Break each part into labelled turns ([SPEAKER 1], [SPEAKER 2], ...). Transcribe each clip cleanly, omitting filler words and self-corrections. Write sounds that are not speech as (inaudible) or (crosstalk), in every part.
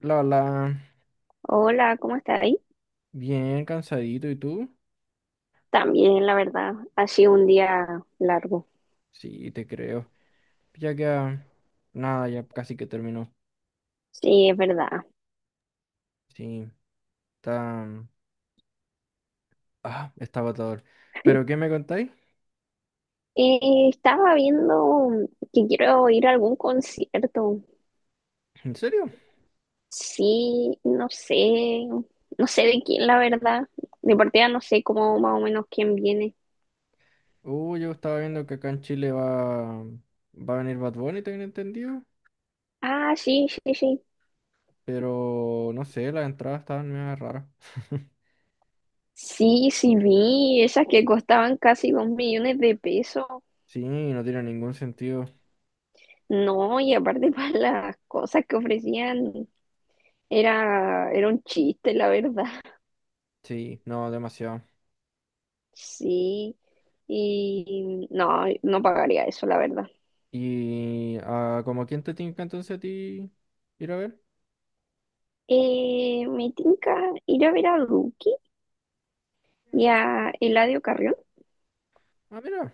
[SPEAKER 1] La, la,
[SPEAKER 2] Hola, ¿cómo está ahí?
[SPEAKER 1] bien cansadito, ¿y tú?
[SPEAKER 2] También, la verdad, ha sido un día largo.
[SPEAKER 1] Sí, te creo. Ya que, nada, ya casi que terminó.
[SPEAKER 2] Sí, es verdad.
[SPEAKER 1] Sí, está, está agotador. ¿Pero qué me contáis?
[SPEAKER 2] Estaba viendo que quiero ir a algún concierto.
[SPEAKER 1] ¿En serio?
[SPEAKER 2] Sí, no sé, no sé de quién, la verdad. De partida no sé cómo más o menos quién viene.
[SPEAKER 1] Yo estaba viendo que acá en Chile va a venir Bad Bunny, tengo entendido.
[SPEAKER 2] Ah, sí, sí, sí.
[SPEAKER 1] Pero, no sé, las entradas estaban medio raras. (laughs)
[SPEAKER 2] Sí, sí, vi esas que costaban casi dos millones de pesos.
[SPEAKER 1] Sí, no tiene ningún sentido.
[SPEAKER 2] No, y aparte (laughs) para las cosas que ofrecían, era un chiste, la verdad.
[SPEAKER 1] Sí, no, demasiado.
[SPEAKER 2] Sí. Y no, no pagaría eso, la verdad.
[SPEAKER 1] ¿Y como quién te tinca entonces a ti ir a ver?
[SPEAKER 2] Me tinca ir a ver a Duki y a Eladio Carrión.
[SPEAKER 1] Ah, mira.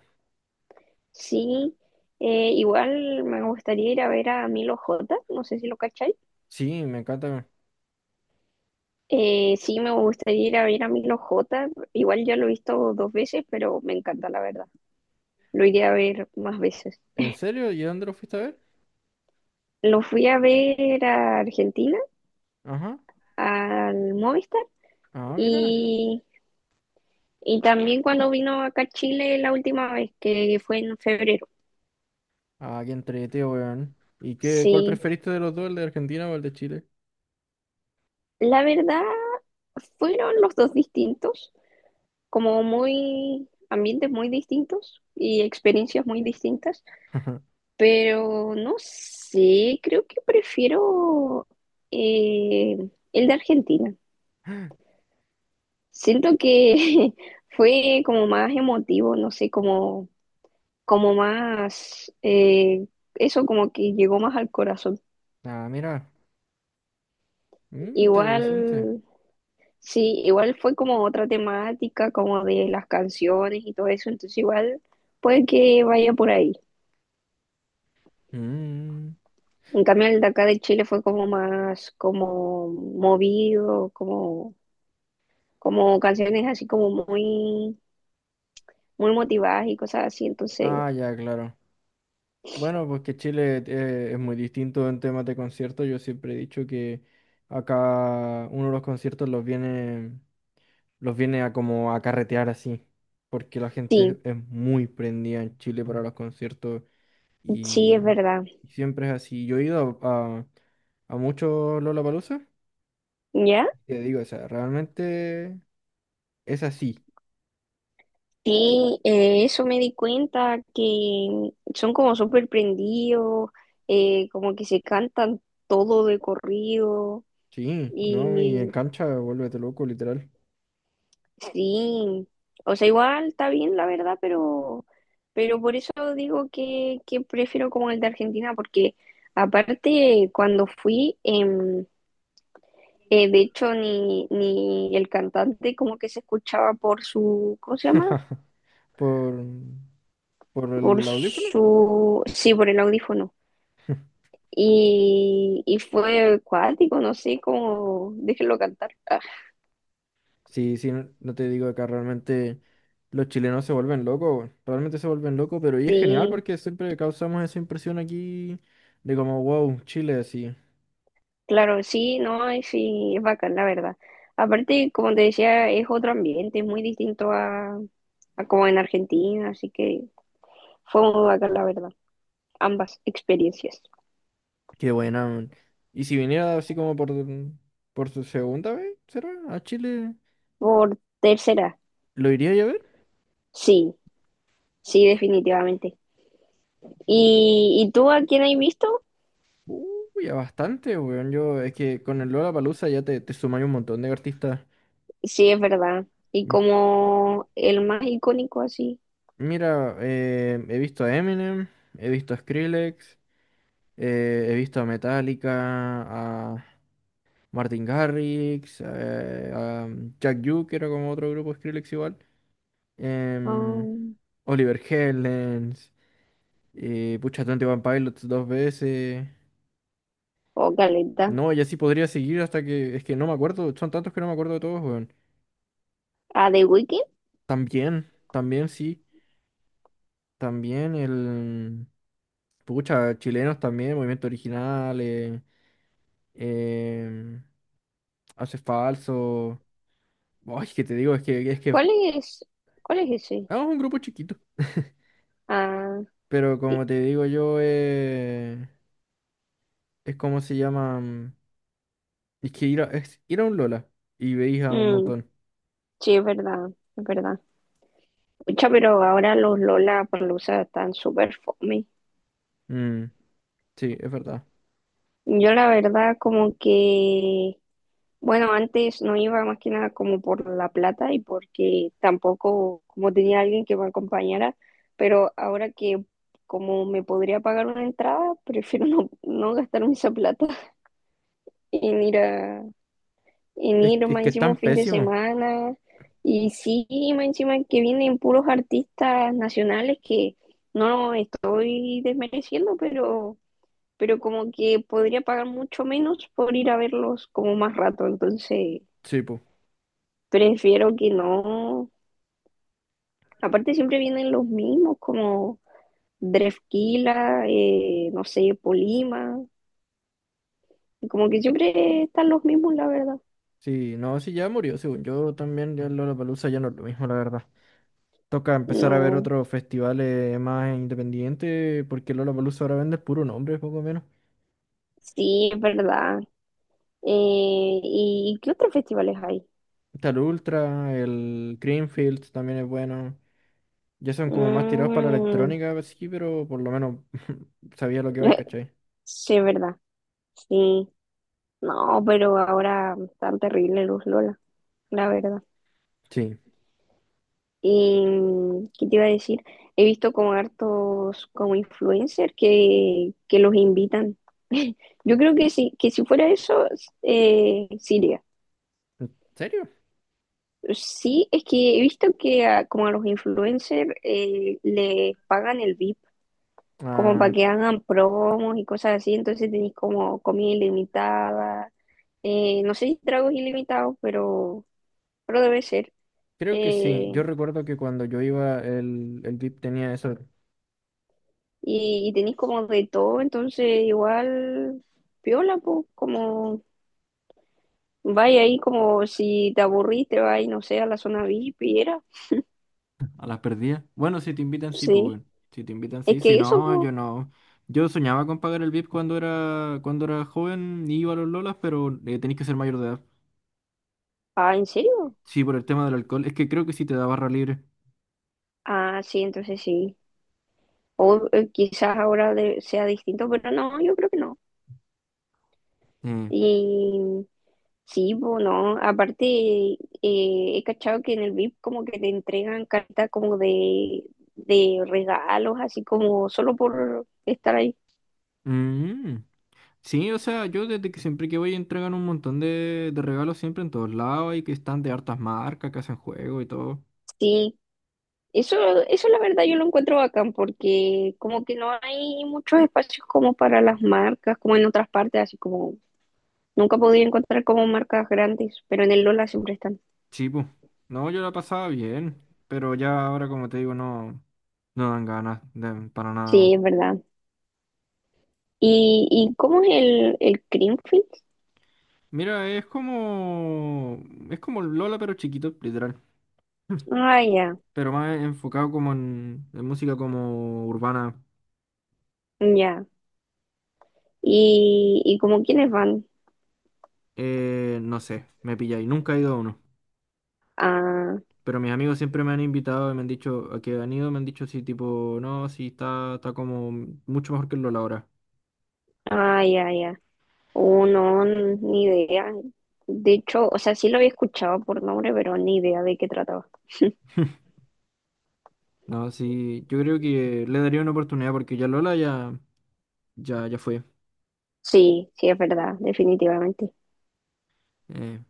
[SPEAKER 2] Sí, igual me gustaría ir a ver a Milo J, no sé si lo cacháis.
[SPEAKER 1] Sí, me encanta.
[SPEAKER 2] Sí, me gustaría ir a ver a Milo J. Igual ya lo he visto dos veces, pero me encanta, la verdad. Lo iría a ver más veces.
[SPEAKER 1] ¿En serio? ¿Y dónde lo fuiste a ver?
[SPEAKER 2] Lo fui a ver a Argentina,
[SPEAKER 1] Ajá.
[SPEAKER 2] al Movistar,
[SPEAKER 1] Ah, mira.
[SPEAKER 2] y, y también cuando vino acá a Chile la última vez, que fue en febrero.
[SPEAKER 1] Ah, qué entrete, weón. ¿Y qué, cuál
[SPEAKER 2] Sí,
[SPEAKER 1] preferiste de los dos, el de Argentina o el de Chile?
[SPEAKER 2] la verdad fueron los dos distintos, como muy ambientes muy distintos y experiencias muy distintas,
[SPEAKER 1] (laughs)
[SPEAKER 2] pero no sé, creo que prefiero eh, el de Argentina. Siento que (laughs) fue como más emotivo, no sé, como, como más, eso como que llegó más al corazón.
[SPEAKER 1] Ah, mira. Mm, interesante.
[SPEAKER 2] Igual sí, igual fue como otra temática, como de las canciones y todo eso, entonces igual puede que vaya por ahí.
[SPEAKER 1] Mm.
[SPEAKER 2] En cambio, el de acá de Chile fue como más como movido, como, como canciones así como muy, muy motivadas y cosas así, entonces
[SPEAKER 1] Ah, ya, claro. Bueno, pues que Chile es muy distinto en temas de conciertos. Yo siempre he dicho que acá uno de los conciertos los viene a como a carretear así. Porque la gente
[SPEAKER 2] sí,
[SPEAKER 1] es muy prendida en Chile para los conciertos.
[SPEAKER 2] sí
[SPEAKER 1] Y,
[SPEAKER 2] es verdad.
[SPEAKER 1] y siempre es así. Yo he ido a muchos Lollapalooza,
[SPEAKER 2] ¿Ya?
[SPEAKER 1] y te digo, o sea, realmente es así,
[SPEAKER 2] Sí, eso me di cuenta que son como súper prendidos, como que se cantan todo de corrido.
[SPEAKER 1] sí, ¿no? Y en cancha vuélvete loco, literal.
[SPEAKER 2] Sí, o sea, igual está bien, la verdad, pero por eso digo que prefiero como el de Argentina, porque aparte cuando fui, de hecho, ni el cantante como que se escuchaba por su, ¿cómo se llama?
[SPEAKER 1] (laughs) Por, por
[SPEAKER 2] Por
[SPEAKER 1] el audífono.
[SPEAKER 2] su, sí, por el audífono. Y fue acuático, no sé cómo, déjenlo cantar. Ah,
[SPEAKER 1] Sí, sí, no no te digo acá realmente los chilenos se vuelven locos, weón. Realmente se vuelven locos, pero y es genial
[SPEAKER 2] sí.
[SPEAKER 1] porque siempre causamos esa impresión aquí de como, wow, Chile así.
[SPEAKER 2] Claro, sí, no, y sí, es bacán, la verdad. Aparte, como te decía, es otro ambiente, es muy distinto a como en Argentina, así que fue muy bacán, la verdad, ambas experiencias.
[SPEAKER 1] Qué buena, man. Y si viniera así como por su segunda vez, ¿será? A Chile,
[SPEAKER 2] Por tercera,
[SPEAKER 1] ¿lo iría yo a ver?
[SPEAKER 2] sí, sí, definitivamente. Y tú a quién has visto?
[SPEAKER 1] Uy, a bastante, weón. Yo, es que con el Lollapalooza ya te sumáis un montón de artistas.
[SPEAKER 2] Sí, es verdad. Y
[SPEAKER 1] M-
[SPEAKER 2] como el más icónico así,
[SPEAKER 1] Mira, he visto a Eminem, he visto a Skrillex, he visto a Metallica, a Martin Garrix, a Jack U, que era como otro grupo Skrillex igual. em,
[SPEAKER 2] um,
[SPEAKER 1] Oliver Heldens. Pucha, Twenty One Pilots dos veces.
[SPEAKER 2] o Caleta.
[SPEAKER 1] No, y así podría seguir hasta que. Es que no me acuerdo. Son tantos que no me acuerdo de todos, weón.
[SPEAKER 2] ¿A The Weeknd?
[SPEAKER 1] También, también sí. También el. Pucha, chilenos también, movimiento original. Em, hace falso. Ay, que te digo, es que.
[SPEAKER 2] ¿Cuál es, cuál es ese?
[SPEAKER 1] Es un grupo chiquito. (laughs)
[SPEAKER 2] Ah,
[SPEAKER 1] Pero
[SPEAKER 2] y-
[SPEAKER 1] como te digo yo, es como se llama. Es que es ir a un Lola y veis a un
[SPEAKER 2] mm,
[SPEAKER 1] montón.
[SPEAKER 2] sí, es verdad, es verdad. Pucha, pero ahora los Lola Lollapalooza están súper fome.
[SPEAKER 1] Mm, sí, es verdad.
[SPEAKER 2] Yo la verdad como que, bueno, antes no iba más que nada como por la plata y porque tampoco como tenía alguien que me acompañara, pero ahora que como me podría pagar una entrada, prefiero no, no gastarme esa plata (laughs) en ir a, en ir
[SPEAKER 1] Es
[SPEAKER 2] más
[SPEAKER 1] que
[SPEAKER 2] encima un
[SPEAKER 1] están
[SPEAKER 2] fin de
[SPEAKER 1] pésimos.
[SPEAKER 2] semana. Y sí, más encima que vienen puros artistas nacionales que no estoy desmereciendo, pero como que podría pagar mucho menos por ir a verlos como más rato, entonces
[SPEAKER 1] Sí, po.
[SPEAKER 2] prefiero que no. Aparte siempre vienen los mismos, como Drefquila, no sé, Polima, como que siempre están los mismos, la verdad.
[SPEAKER 1] Sí, no, sí, ya murió, según yo también, ya el Lollapalooza ya no es lo mismo, la verdad. Toca empezar a ver
[SPEAKER 2] No,
[SPEAKER 1] otros festivales más independientes, porque el Lollapalooza ahora vende el puro nombre, poco menos.
[SPEAKER 2] sí, es verdad. ¿Y qué otros festivales hay?
[SPEAKER 1] Está el Ultra, el Greenfield también es bueno. Ya son como más tirados para la
[SPEAKER 2] Mm,
[SPEAKER 1] electrónica, pues sí, pero por lo menos (laughs) sabía lo que iba y
[SPEAKER 2] (laughs)
[SPEAKER 1] ¿cachai?
[SPEAKER 2] sí, es verdad, sí. No, pero ahora están terribles los Lola, la verdad.
[SPEAKER 1] Sí.
[SPEAKER 2] Y, ¿qué te iba a decir? He visto como hartos como influencers que los invitan. (laughs) Yo creo que sí que si fuera eso, sí iría.
[SPEAKER 1] ¿En serio?
[SPEAKER 2] Sí, es que he visto que a, como a los influencers les pagan el VIP, como para
[SPEAKER 1] Ah,
[SPEAKER 2] que hagan promos y cosas así, entonces tenéis como comida ilimitada, no sé si tragos ilimitados, pero debe ser.
[SPEAKER 1] creo que sí.
[SPEAKER 2] eh,
[SPEAKER 1] Yo recuerdo que cuando yo iba, el VIP tenía eso.
[SPEAKER 2] y, y tenéis como de todo, entonces igual piola, pues, como vaya ahí como si te aburrís, te vas, no sé, a la zona VIP y era.
[SPEAKER 1] A las perdidas. Bueno, si te invitan, sí, pues,
[SPEAKER 2] Sí,
[SPEAKER 1] weón. Si te invitan,
[SPEAKER 2] es
[SPEAKER 1] sí. Si
[SPEAKER 2] que eso,
[SPEAKER 1] no,
[SPEAKER 2] pues,
[SPEAKER 1] yo no. Yo soñaba con pagar el VIP cuando era joven y iba a los Lolas, pero tenés que ser mayor de edad.
[SPEAKER 2] ah, ¿en serio?
[SPEAKER 1] Sí, por el tema del alcohol. Es que creo que sí te da barra libre.
[SPEAKER 2] Ah, sí, entonces sí. O quizás ahora de- sea distinto, pero no, yo creo que no.
[SPEAKER 1] Eh,
[SPEAKER 2] Y sí, pues no, aparte he cachado que en el VIP como que te entregan cartas como de regalos, así como solo por estar ahí.
[SPEAKER 1] mm. Sí, o sea, yo desde que siempre que voy entregan un montón de regalos siempre en todos lados y que están de hartas marcas que hacen juego y todo.
[SPEAKER 2] Sí, Eso, eso la verdad yo lo encuentro bacán porque como que no hay muchos espacios como para las marcas, como en otras partes, así como nunca podía encontrar como marcas grandes, pero en el Lola siempre están.
[SPEAKER 1] Sí, pues. No, yo la pasaba bien, pero ya ahora, como te digo, no, no dan ganas de- para nada,
[SPEAKER 2] Sí,
[SPEAKER 1] weón.
[SPEAKER 2] es verdad. Y cómo es el Creamfields?
[SPEAKER 1] Mira, es como. Es como el Lola, pero chiquito, literal. (laughs)
[SPEAKER 2] Ah, ya,
[SPEAKER 1] Pero más enfocado como en música como urbana.
[SPEAKER 2] ya. Y como quiénes van?
[SPEAKER 1] No sé, me pilla y nunca he ido a uno.
[SPEAKER 2] Ah,
[SPEAKER 1] Pero mis amigos siempre me han invitado y me han dicho a que han ido, me han dicho sí, tipo, no, sí, está, está como mucho mejor que el Lola ahora.
[SPEAKER 2] ah, ya, ya. Oh, no, ni idea. De hecho, o sea, sí lo había escuchado por nombre, pero ni idea de qué trataba.
[SPEAKER 1] (laughs) No, sí, yo creo que le daría una oportunidad porque ya Lola ya, ya, ya fue.
[SPEAKER 2] Sí, sí, es verdad, definitivamente.
[SPEAKER 1] Eh,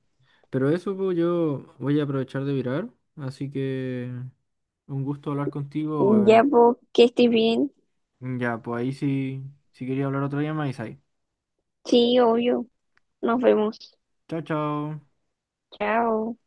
[SPEAKER 1] pero eso pues, yo voy a aprovechar de virar. Así que un gusto hablar contigo,
[SPEAKER 2] Ya,
[SPEAKER 1] weón.
[SPEAKER 2] pues, que estés bien.
[SPEAKER 1] Ya, pues ahí sí, si quería hablar otro día, me ahí.
[SPEAKER 2] Sí, obvio. Nos vemos.
[SPEAKER 1] Chao, chao.
[SPEAKER 2] Chao.